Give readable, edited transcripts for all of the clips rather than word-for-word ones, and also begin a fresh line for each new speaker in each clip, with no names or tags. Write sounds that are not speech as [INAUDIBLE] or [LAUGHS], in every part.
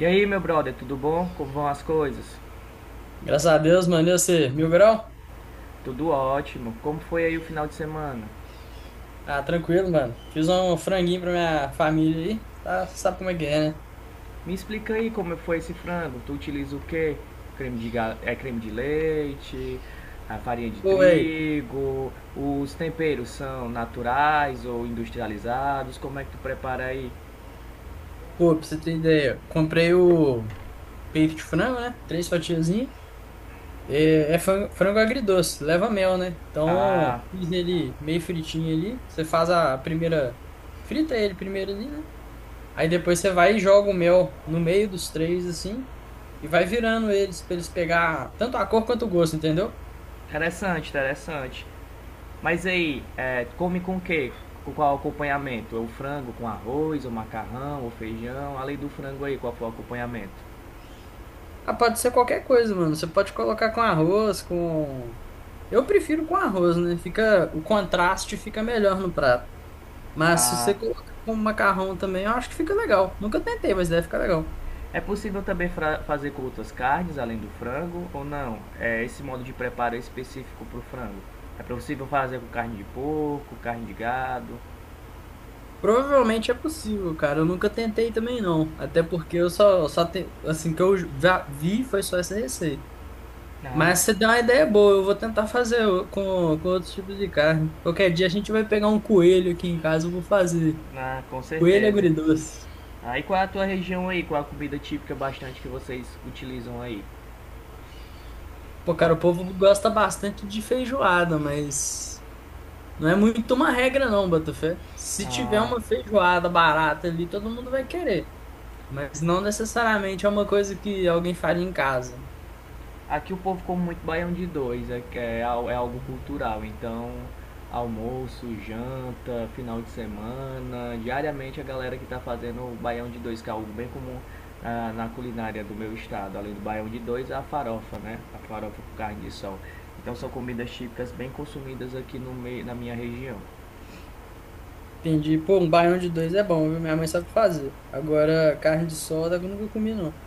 E aí, meu brother, tudo bom? Como vão as coisas?
Graças a Deus, mano. E você, mil grau?
Tudo ótimo. Como foi aí o final de semana?
Ah, tranquilo, mano. Fiz um franguinho pra minha família aí. Tá, sabe como é que é, né?
Me explica aí como foi esse frango. Tu utiliza o quê? Creme de, creme de leite, a farinha de
Pô, véi.
trigo, os temperos são naturais ou industrializados? Como é que tu prepara aí?
Pô, pra você ter ideia, comprei o peito de frango, né? Três fatiazinhas. É frango, frango agridoce, leva mel, né?
Ah,
Então, fiz ele meio fritinho ali. Você faz a primeira. Frita ele primeiro ali, né? Aí depois você vai e joga o mel no meio dos três, assim. E vai virando eles pra eles pegar tanto a cor quanto o gosto, entendeu?
interessante, interessante. Mas aí, come com o quê? Com qual acompanhamento? O frango com arroz, o macarrão, o feijão? Além do frango aí, qual foi o acompanhamento?
Ah, pode ser qualquer coisa, mano. Você pode colocar com arroz, com. Eu prefiro com arroz, né? Fica... O contraste fica melhor no prato. Mas se
Ah,
você colocar com macarrão também, eu acho que fica legal. Nunca tentei, mas deve ficar legal.
é possível também fazer com outras carnes além do frango ou não? É, esse modo de preparo é específico para o frango. É possível fazer com carne de porco, carne de gado?
Provavelmente é possível, cara. Eu nunca tentei também, não. Até porque eu só te... assim que eu já vi foi só essa receita.
Ah,
Mas você deu uma ideia boa, eu vou tentar fazer o- com outros tipos de carne. Qualquer dia a gente vai pegar um coelho aqui em casa, eu vou fazer.
ah, com
Coelho
certeza.
agridoce.
Aí ah, qual é a tua região aí? Qual é a comida típica bastante que vocês utilizam aí?
Pô, cara, o povo gosta bastante de feijoada, mas não é muito uma regra, não, Botafé. Se tiver
Ah,
uma feijoada barata ali, todo mundo vai querer. Mas não necessariamente é uma coisa que alguém faria em casa.
aqui o povo come muito baião de dois, é algo cultural. Então, almoço, janta, final de semana, diariamente a galera que está fazendo o baião de dois, que é algo bem comum ah, na culinária do meu estado. Além do baião de dois, a farofa, né? A farofa com carne de sol. Então, são comidas típicas bem consumidas aqui no meio, na minha região.
Entendi. Pô, um baião de dois é bom, viu? Minha mãe sabe fazer. Agora, carne de solda eu nunca comi, não.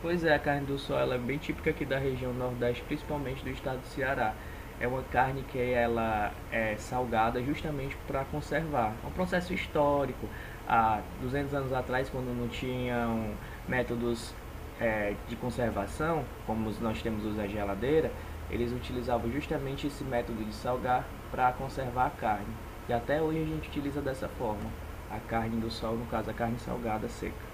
Pois é, a carne do sol ela é bem típica aqui da região Nordeste, principalmente do estado do Ceará. É uma carne que ela é salgada justamente para conservar. É um processo histórico. Há 200 anos atrás, quando não tinham métodos de conservação, como nós temos hoje a geladeira, eles utilizavam justamente esse método de salgar para conservar a carne. E até hoje a gente utiliza dessa forma, a carne do sol, no caso a carne salgada seca.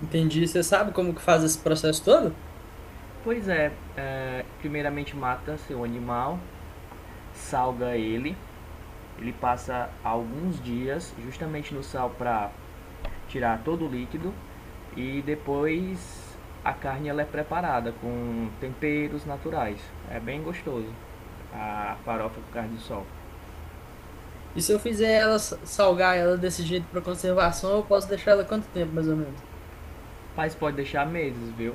Entendi. Você sabe como que faz esse processo todo?
Pois é, primeiramente mata seu animal, salga ele, ele passa alguns dias justamente no sal para tirar todo o líquido e depois a carne ela é preparada com temperos naturais. É bem gostoso a farofa com carne de sol.
E se eu fizer ela sa- salgar ela desse jeito para conservação, eu posso deixar ela quanto tempo, mais ou menos?
Mas pode deixar meses, viu?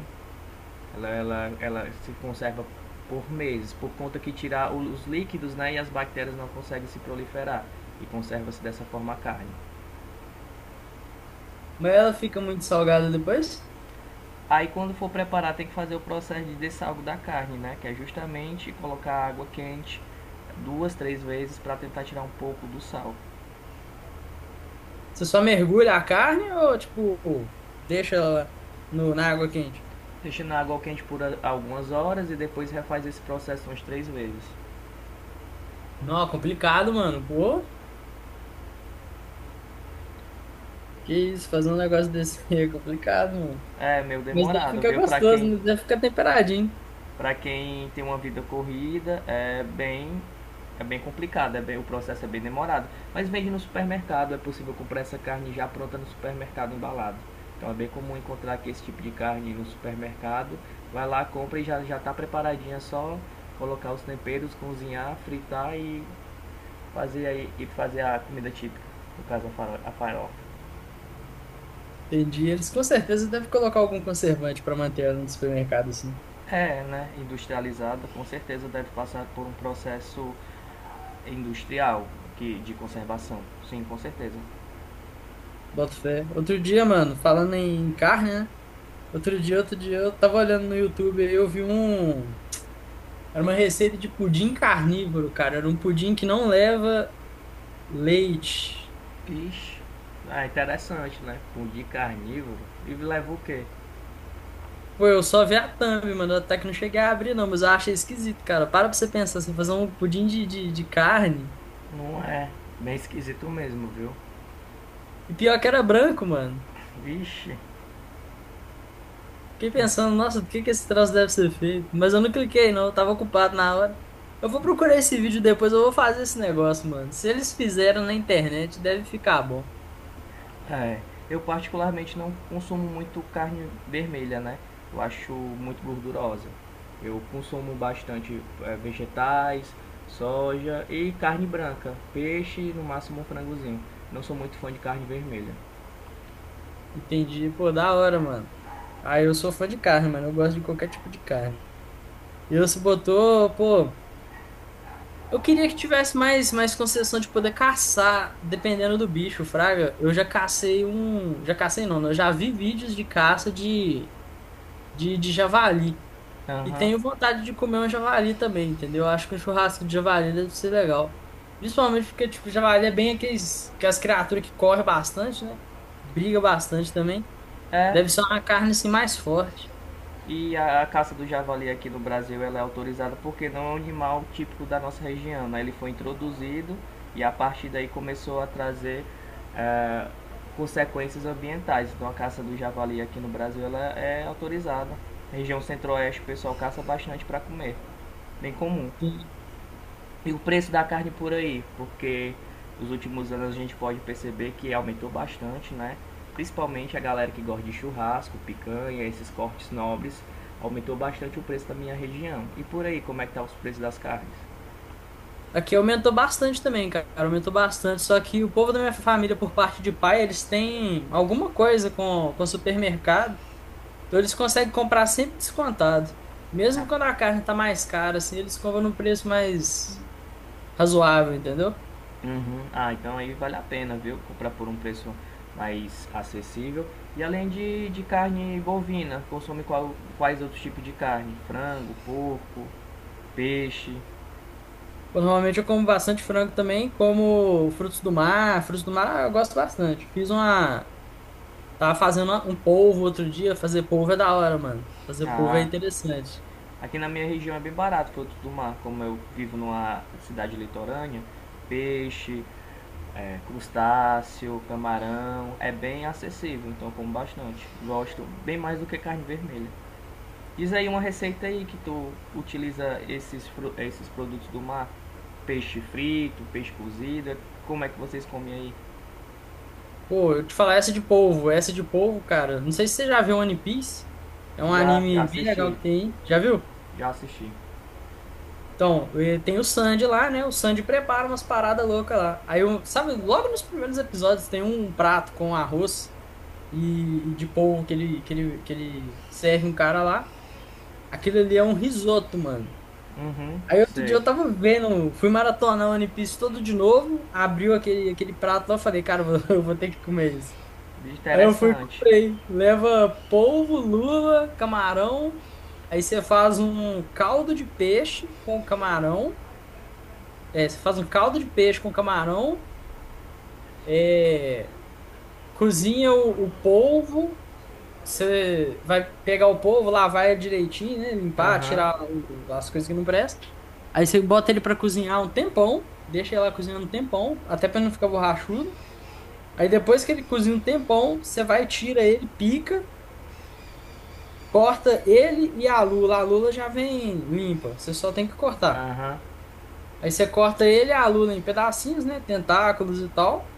Ela se conserva por meses, por conta que tirar os líquidos né, e as bactérias não conseguem se proliferar e conserva-se dessa forma a carne.
Mas ela fica muito salgada depois?
Aí quando for preparar tem que fazer o processo de dessalgo da carne, né? Que é justamente colocar água quente duas, três vezes para tentar tirar um pouco do sal.
Você só mergulha a carne ou, tipo, deixa ela no, na água quente?
Deixando a água quente por algumas horas e depois refaz esse processo umas três vezes.
Não, complicado, mano. Pô, que isso, fazer um negócio desse aí é complicado, mano.
É meio
Mas deve
demorado,
ficar
viu?
gostoso, né? Deve ficar temperadinho.
Para quem tem uma vida corrida, é bem complicado, é bem, o processo é bem demorado. Mas vende no supermercado, é possível comprar essa carne já pronta no supermercado embalada. Então é bem comum encontrar aqui esse tipo de carne no supermercado. Vai lá, compra e já já está preparadinha, é só colocar os temperos, cozinhar, fritar e fazer aí e fazer a comida típica, no caso a farofa.
Entendi. Eles com certeza devem colocar algum conservante pra manter ela no supermercado, assim.
É, né? Industrializada, com certeza deve passar por um processo industrial que, de conservação. Sim, com certeza.
Boto fé. Outro dia, mano, falando em carne, né? Outro dia, eu tava olhando no YouTube e eu vi um. Era uma receita de pudim carnívoro, cara. Era um pudim que não leva leite.
Ixi, é interessante, né? Pão carnívoro. E leva o quê?
Pô, eu só vi a thumb, mano. Até que não cheguei a abrir, não, mas eu achei esquisito, cara. Para pra você pensar, você fazer um pudim de carne.
Não é. Bem esquisito mesmo, viu?
E pior que era branco, mano.
Vixe.
Fiquei pensando, nossa, do que esse troço deve ser feito? Mas eu não cliquei, não. Eu tava ocupado na hora. Eu vou procurar esse vídeo depois, eu vou fazer esse negócio, mano. Se eles fizeram na internet, deve ficar bom.
É. Eu particularmente não consumo muito carne vermelha, né? Eu acho muito gordurosa. Eu consumo bastante vegetais, soja e carne branca. Peixe e no máximo um frangozinho. Não sou muito fã de carne vermelha.
Entendi. Pô, da hora, mano. Ah, eu sou fã de carne, mano. Eu gosto de qualquer tipo de carne. E eu se botou, pô. Eu queria que tivesse mais concessão de poder caçar, dependendo do bicho, fraga. Eu já cacei um. Já cacei não, né? Eu já vi vídeos de caça de javali. E
Aham.
tenho vontade de comer um javali também, entendeu? Eu acho que um churrasco de javali deve ser legal. Principalmente porque, tipo, javali é bem aqueles, aquelas criaturas que correm bastante, né? Briga bastante também.
É,
Deve ser uma carne, assim, mais forte.
e a caça do javali aqui no Brasil ela é autorizada porque não é um animal típico da nossa região. Né? Ele foi introduzido e a partir daí começou a trazer eh, consequências ambientais. Então a caça do javali aqui no Brasil ela é autorizada. Região centro-oeste o pessoal caça bastante para comer, bem comum. E o preço da carne por aí, porque nos últimos anos a gente pode perceber que aumentou bastante, né? Principalmente a galera que gosta de churrasco, picanha, esses cortes nobres, aumentou bastante o preço da minha região. E por aí, como é que tá os preços das carnes?
Aqui aumentou bastante também, cara. Aumentou bastante. Só que o povo da minha família, por parte de pai, eles têm alguma coisa com supermercado. Então eles conseguem comprar sempre descontado. Mesmo
Ah,
quando a carne tá mais cara, assim, eles compram num preço mais razoável, entendeu?
uhum. Ah, então aí vale a pena, viu? Comprar por um preço mais acessível. E além de carne bovina, consome quais outros tipos de carne? Frango, porco, peixe.
Pô, normalmente eu como bastante frango também, como frutos do mar. Frutos do mar eu gosto bastante. Fiz uma. Tava fazendo uma- um polvo outro dia. Fazer polvo é da hora, mano. Fazer polvo é
Ah,
interessante.
aqui na minha região é bem barato frutos do mar, como eu vivo numa cidade litorânea, peixe, crustáceo, camarão, é bem acessível, então eu como bastante. Gosto bem mais do que carne vermelha. Diz aí uma receita aí que tu utiliza esses, esses produtos do mar, peixe frito, peixe cozido, como é que vocês comem aí?
Pô, eu te falar essa de polvo, cara. Não sei se você já viu One Piece. É um
Já, já
anime bem legal
assisti,
que tem aí. Já viu?
já assisti.
Então, tem o Sandy lá, né? O Sandy prepara umas paradas loucas lá. Aí, eu, sabe, logo nos primeiros episódios tem um prato com arroz e de polvo que ele serve um cara lá. Aquilo ali é um risoto, mano.
Uhum,
Aí outro dia
sei.
eu tava vendo, fui maratonar o One Piece todo de novo, abriu aquele prato lá, eu falei, cara, [LAUGHS] eu vou ter que comer isso. Aí eu fui e
Interessante.
comprei. Leva polvo, lula, camarão. Aí você faz um caldo de peixe com camarão. É, você faz um caldo de peixe com camarão. É, cozinha o polvo. Você vai pegar o polvo, lavar ele direitinho, né? Limpar,
Aham,
tirar o- as coisas que não prestam. Aí você bota ele para cozinhar um tempão. Deixa ele lá cozinhando um tempão, até para não ficar borrachudo. Aí depois que ele cozinha um tempão, você vai, tira ele, pica. Corta ele e a lula. A lula já vem limpa, você só tem que cortar.
aham,
Aí você corta ele e a lula em pedacinhos, né? Tentáculos e tal.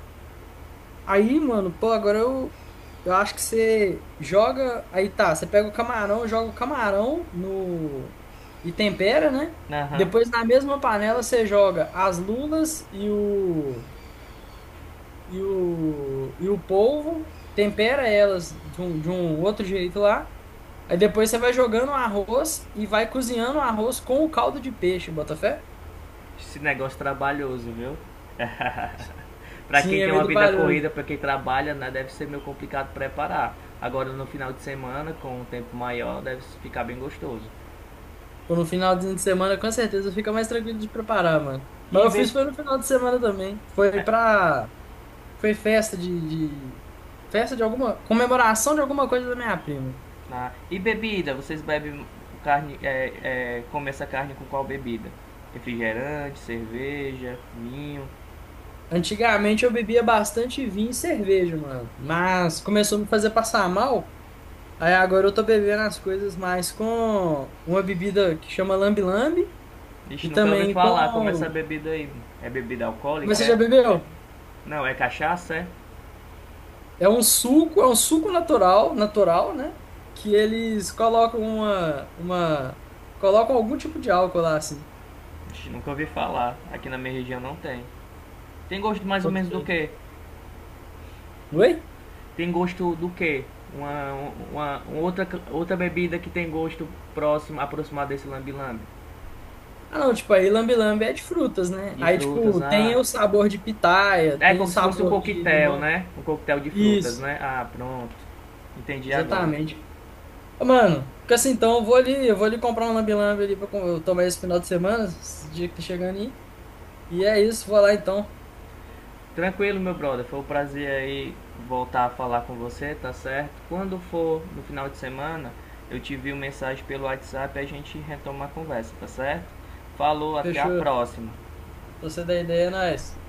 Aí, mano, pô, agora eu acho que você joga. Aí tá, você pega o camarão, joga o camarão no. E tempera, né?
aham.
Depois na mesma panela você joga as lulas e o polvo, tempera elas de um outro jeito lá. Aí depois você vai jogando o arroz e vai cozinhando o arroz com o caldo de peixe, bota fé?
Esse negócio trabalhoso, viu? [LAUGHS] Pra
Sim,
quem
é
tem
meio
uma vida corrida,
trabalhoso.
pra quem trabalha, né, deve ser meio complicado preparar. Agora no final de semana, com um tempo maior, deve ficar bem gostoso.
Pô, no finalzinho de semana, com certeza, fica mais tranquilo de preparar, mano. Mas
E,
eu
be...
fiz foi no final de semana também. Foi pra. Foi festa de- Festa de alguma. Comemoração de alguma coisa da minha prima.
ah, e bebida, vocês bebem carne, comem essa carne com qual bebida? Refrigerante, cerveja, vinho.
Antigamente eu bebia bastante vinho e cerveja, mano. Mas começou a me fazer passar mal. Aí agora eu tô bebendo as coisas mais com uma bebida que chama lambe-lambe e
Ixi, nunca ouvi
também
falar como é essa
com.
bebida aí. É bebida
Mas
alcoólica,
você já
é?
bebeu?
Não, é cachaça, é?
É um suco natural, natural, né? Que eles colocam colocam algum tipo de álcool lá, assim.
Ixi, nunca ouvi falar. Aqui na minha região não tem. Tem gosto mais ou
Boto
menos do
fé.
que?
Oi?
Tem gosto do quê? Uma, uma outra, outra bebida que tem gosto próximo, aproximado desse lambi-lambi.
Ah, não, tipo, aí lambe-lambe é de frutas, né?
De
Aí,
frutas,
tipo, tem
ah.
o sabor de pitaia,
É
tem o
como se fosse um
sabor de
coquetel,
limão.
né? Um coquetel de frutas,
Isso,
né? Ah, pronto. Entendi agora.
exatamente. Ô, mano, fica assim, então, eu vou ali comprar um lambe-lambe ali pra com- eu tomar esse final de semana, esse dia que tá chegando aí. E é isso, vou lá então.
Tranquilo, meu brother. Foi um prazer aí voltar a falar com você, tá certo? Quando for no final de semana, eu te envio mensagem pelo WhatsApp e a gente retoma a conversa, tá certo? Falou, até a
Fechou. Se
próxima.
você dá ideia, é nóis.